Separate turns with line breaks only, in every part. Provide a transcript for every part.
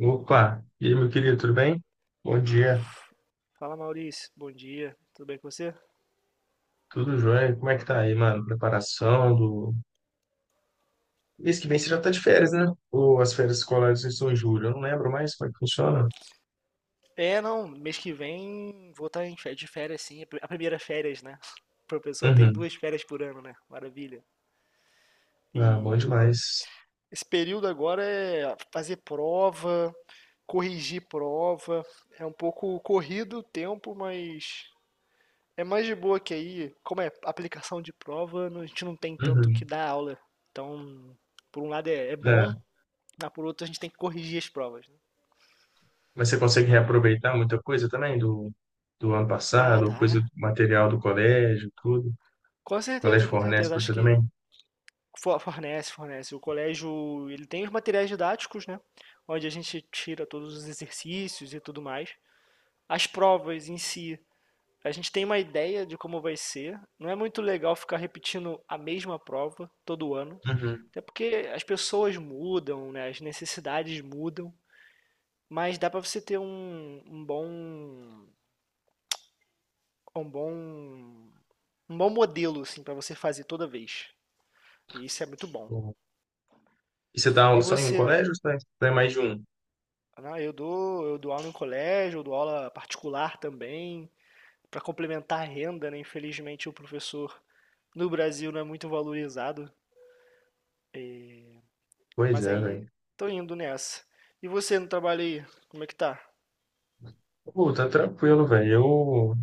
Opa, e aí, meu querido, tudo bem? Bom dia,
Fala Maurício, bom dia, tudo bem com você?
tudo jóia? Como é que tá aí, mano? Preparação do... Mês que vem você já tá de férias, né? Ou as férias escolares estão em julho? Eu não lembro mais como é que funciona.
É, não, mês que vem vou estar de férias sim, a primeira férias, né? O professor tem
Uhum.
duas férias por ano, né? Maravilha.
Ah, bom
E
demais.
esse período agora é fazer prova, corrigir prova, é um pouco corrido o tempo, mas é mais de boa que aí, como é aplicação de prova, a gente não tem tanto que
Uhum.
dar aula. Então, por um lado é
É.
bom, mas por outro a gente tem que corrigir as provas, né?
Mas você consegue
Mas,
reaproveitar muita coisa também do ano
ah,
passado, coisa
dá.
do material do colégio, tudo?
Com
O
certeza,
colégio
com
fornece
certeza.
para
Acho
você
que
também?
fornece, fornece. O colégio, ele tem os materiais didáticos, né? Onde a gente tira todos os exercícios e tudo mais. As provas em si, a gente tem uma ideia de como vai ser. Não é muito legal ficar repetindo a mesma prova todo ano,
Uhum.
até porque as pessoas mudam, né? As necessidades mudam, mas dá para você ter um bom, um bom modelo assim para você fazer toda vez. E isso é muito bom.
Bom. E você dá aula
E
só em um
você?
colégio ou você tá em mais de um?
Não, eu dou aula em colégio, eu dou aula particular também, para complementar a renda, né? Infelizmente o professor no Brasil não é muito valorizado,
Pois
mas
é,
aí
velho.
tô indo nessa. E você no trabalho aí, como é que tá?
Pô, tá tranquilo, velho.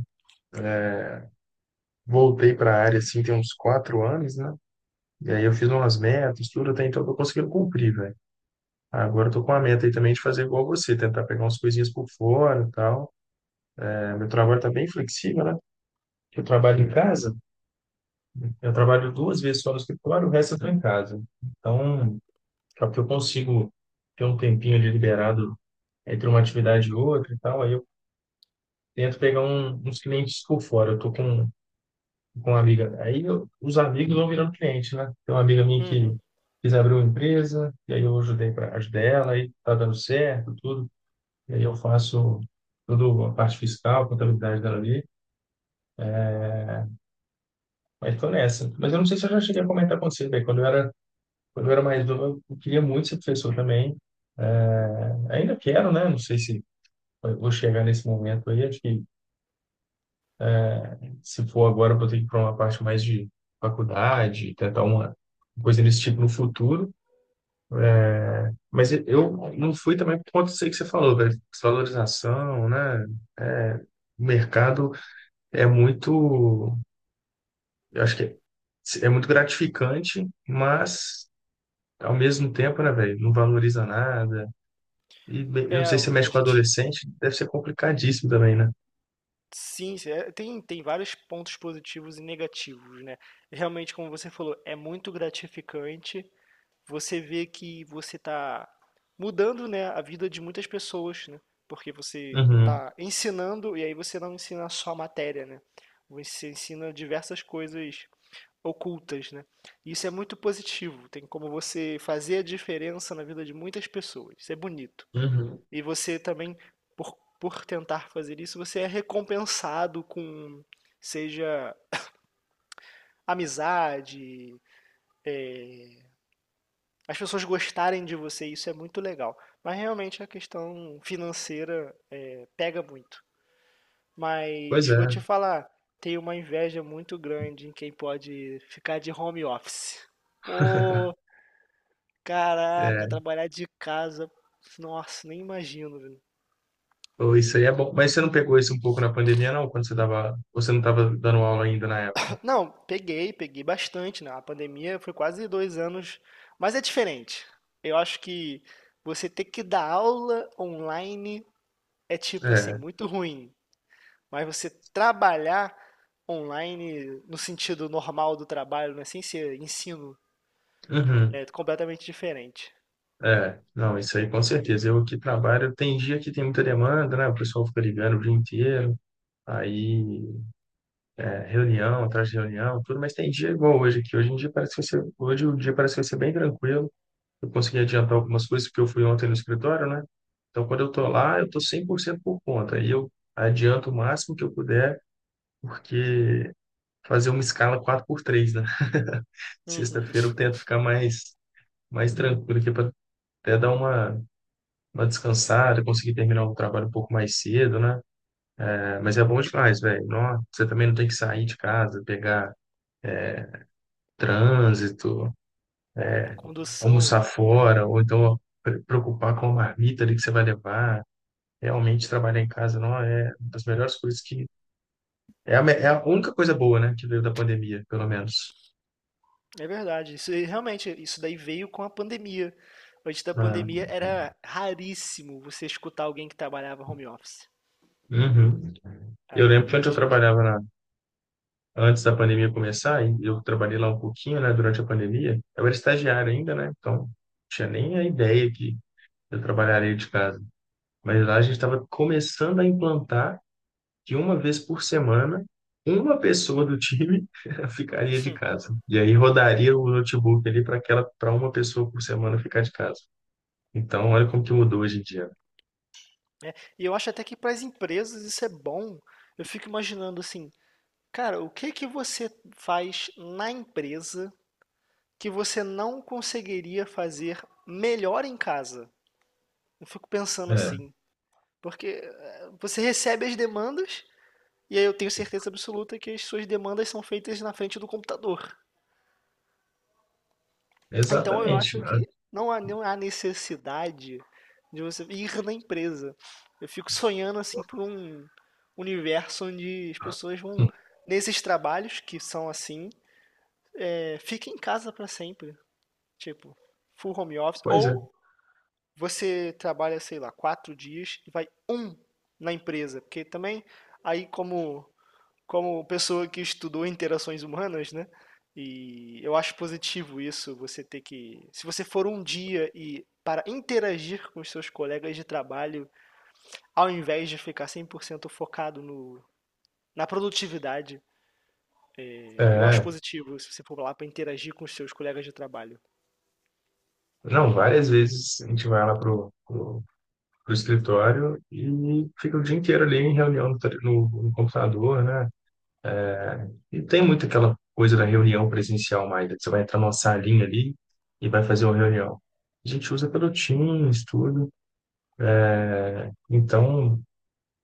Voltei para a área assim tem uns 4 anos, né? E aí eu fiz umas metas, tudo, até então eu tô conseguindo cumprir, velho. Ah, agora eu tô com a meta aí também de fazer igual você, tentar pegar umas coisinhas por fora e tal. É, meu trabalho tá bem flexível, né? Eu trabalho em casa, eu trabalho duas vezes só no escritório, o resto eu tô em casa. Então, é que eu consigo ter um tempinho ali liberado entre uma atividade e outra e tal, aí eu tento pegar uns clientes por fora. Eu tô com uma amiga. Os amigos vão virando cliente, né? Tem uma amiga minha que
Uhum.
quis abrir uma empresa, e aí eu ajudei para ajudar ela, aí tá dando certo, tudo. E aí eu faço toda a parte fiscal, contabilidade dela ali. Mas tô nessa. Mas eu não sei se eu já cheguei a comentar com você, velho. Quando eu era mais novo, eu queria muito ser professor também. É, ainda quero, né? Não sei se eu vou chegar nesse momento aí. Acho que se for agora, eu vou ter que ir para uma parte mais de faculdade, tentar uma coisa desse tipo no futuro. Mas eu não fui também por conta disso aí que você falou, velho. Desvalorização, né? É, o mercado é muito, eu acho que é muito gratificante, mas ao mesmo tempo, né, velho, não valoriza nada. E bem, eu
É,
não sei se você mexe
a
com
gente.
adolescente, deve ser complicadíssimo também, né?
Sim, sim, é, tem vários pontos positivos e negativos, né? Realmente, como você falou, é muito gratificante, você vê que você está mudando, né, a vida de muitas pessoas, né? Porque você
Uhum,
está ensinando e aí você não ensina só a matéria, né? Você ensina diversas coisas ocultas, né? Isso é muito positivo. Tem como você fazer a diferença na vida de muitas pessoas. Isso é bonito.
uhum.
E você também, por tentar fazer isso, você é recompensado com, seja amizade, as pessoas gostarem de você, isso é muito legal. Mas realmente a questão financeira é, pega muito.
Pois
Mas vou
é,
te falar, tem uma inveja muito grande em quem pode ficar de home office. Pô, caraca,
é.
trabalhar de casa. Nossa, nem imagino, velho.
Pô, isso aí é bom. Mas você não pegou isso um pouco na pandemia, não? Quando você dava, você não estava dando aula ainda na época?
Não, peguei, peguei bastante, né? A pandemia foi quase 2 anos, mas é diferente. Eu acho que você ter que dar aula online é tipo assim,
É.
muito ruim. Mas você trabalhar online no sentido normal do trabalho, né? Sem ser ensino,
Uhum.
é completamente diferente.
É, não, isso aí com certeza. Eu aqui trabalho, tem dia que tem muita demanda, né? O pessoal fica ligando o dia inteiro, aí é, reunião, atrás de reunião, tudo, mas tem dia igual hoje aqui. Hoje em dia parece que vai ser, hoje o dia parece que vai ser bem tranquilo. Eu consegui adiantar algumas coisas porque eu fui ontem no escritório, né? Então quando eu tô lá, eu tô 100% por conta. Aí eu adianto o máximo que eu puder, porque fazer uma escala quatro por três, né?
Uhum.
Sexta-feira eu tento ficar mais tranquilo aqui para até dar uma descansada, conseguir terminar o trabalho um pouco mais cedo, né? É, mas é bom demais, velho. Nó, você também não tem que sair de casa, pegar trânsito,
Condução,
almoçar
né?
fora, ou então preocupar com a marmita ali que você vai levar. Realmente trabalhar em casa, não é uma das melhores coisas que. É a única coisa boa, né, que veio da pandemia, pelo menos.
É verdade. Isso aí, realmente, isso daí veio com a pandemia. Antes da
Ah,
pandemia era raríssimo você escutar alguém que trabalhava home office.
uhum. Eu lembro que
Aí
onde eu
hoje em dia.
trabalhava antes da pandemia começar, e eu trabalhei lá um pouquinho, né, durante a pandemia, eu era estagiário ainda, né, então não tinha nem a ideia que eu trabalharia de casa. Mas lá a gente estava começando a implantar que uma vez por semana, uma pessoa do time ficaria de
Hum,
casa. E aí rodaria o notebook ali para aquela, para uma pessoa por semana ficar de casa. Então, olha como que mudou hoje em dia.
né? E eu acho até que para as empresas isso é bom. Eu fico imaginando assim, cara, o que que você faz na empresa que você não conseguiria fazer melhor em casa. Eu fico pensando
É,
assim, porque você recebe as demandas e aí eu tenho certeza absoluta que as suas demandas são feitas na frente do computador. Então eu
exatamente,
acho
né?
que não há necessidade de você ir na empresa. Eu fico sonhando assim por um universo onde as pessoas vão nesses trabalhos que são assim, fica em casa para sempre, tipo, full home office
Pois é.
ou você trabalha, sei lá, 4 dias e vai um na empresa, porque também aí como pessoa que estudou interações humanas, né? E eu acho positivo isso, você ter que, se você for um dia e para interagir com os seus colegas de trabalho, ao invés de ficar 100% focado no na produtividade, eu acho
É.
positivo se você for lá para interagir com os seus colegas de trabalho
Não, várias vezes a gente vai lá pro escritório e fica o dia inteiro ali em reunião no computador, né? Não tem muito aquela coisa da reunião presencial mais, né? Que você vai entrar numa salinha ali e vai fazer uma reunião. A gente usa pelo Teams, tudo. Então,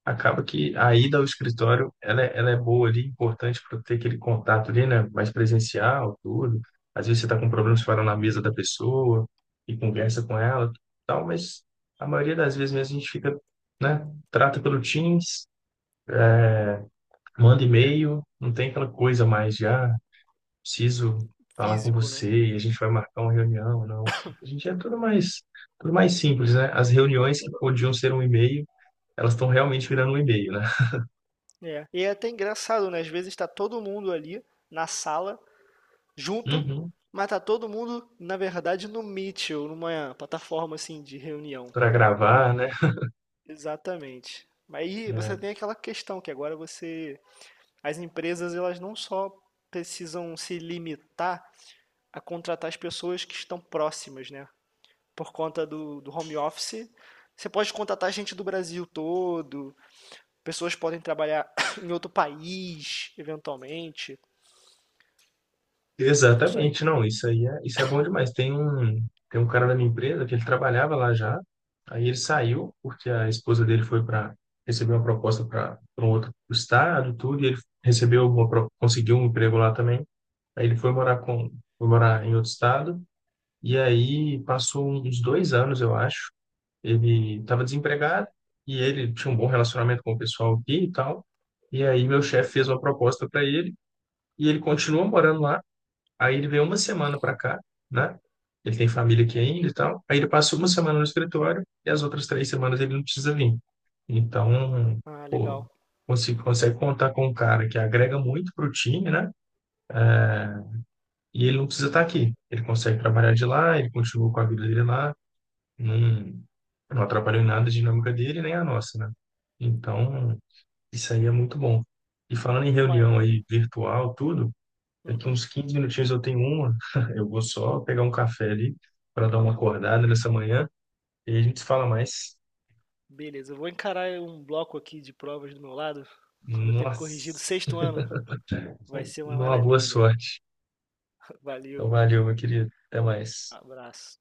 acaba que a ida ao escritório, ela, ela é boa ali, importante para ter aquele contato ali, né? Mais presencial, tudo. Às vezes você está com problemas fora na mesa da pessoa e conversa com ela, tal, mas a maioria das vezes mesmo a gente fica, né? Trata pelo Teams, manda e-mail, não tem aquela coisa mais já preciso falar com
físico, né?
você e a gente vai marcar uma reunião, não. A gente é tudo mais simples, né? As reuniões que podiam ser um e-mail, elas estão realmente virando um e-mail, né?
É. E é até engraçado, né? Às vezes está todo mundo ali na sala junto,
Uhum.
matar todo mundo, na verdade, no Mitchell, numa plataforma assim de reunião.
Para gravar, né?
Exatamente. Mas aí você
É,
tem aquela questão que agora você, as empresas elas não só precisam se limitar a contratar as pessoas que estão próximas, né? Por conta do home office, você pode contratar gente do Brasil todo, pessoas podem trabalhar em outro país, eventualmente. Isso aí.
exatamente, não, isso aí é, isso é bom demais. Tem um cara da minha empresa que ele trabalhava lá já, aí ele saiu porque a esposa dele foi para receber uma proposta para um outro estado, tudo, e ele conseguiu um emprego lá também. Aí ele foi morar com, foi morar em outro estado. E aí passou uns 2 anos, eu acho. Ele estava desempregado e ele tinha um bom relacionamento com o pessoal aqui e tal. E aí meu chefe fez uma proposta para ele e ele continua morando lá. Aí ele veio uma semana para cá, né? Ele tem família aqui ainda e tal. Aí ele passa uma semana no escritório e as outras 3 semanas ele não precisa vir. Então,
Ah,
pô,
legal.
você consegue contar com um cara que agrega muito para o time, né? E ele não precisa estar aqui. Ele consegue trabalhar de lá, ele continua com a vida dele lá. Não, não atrapalhou em nada a dinâmica dele nem a nossa, né? Então, isso aí é muito bom. E falando em
Mas,
reunião aí virtual, tudo, daqui
uhum.
uns 15 minutinhos eu tenho uma, eu vou só pegar um café ali para dar uma acordada nessa manhã e a gente se fala mais.
Beleza, eu vou encarar um bloco aqui de provas do meu lado. Vou ter corrigido o
Nossa,
sexto ano. Vai ser uma
uma boa
maravilha.
sorte. Então,
Valeu,
valeu, meu querido. Até mais.
abraço.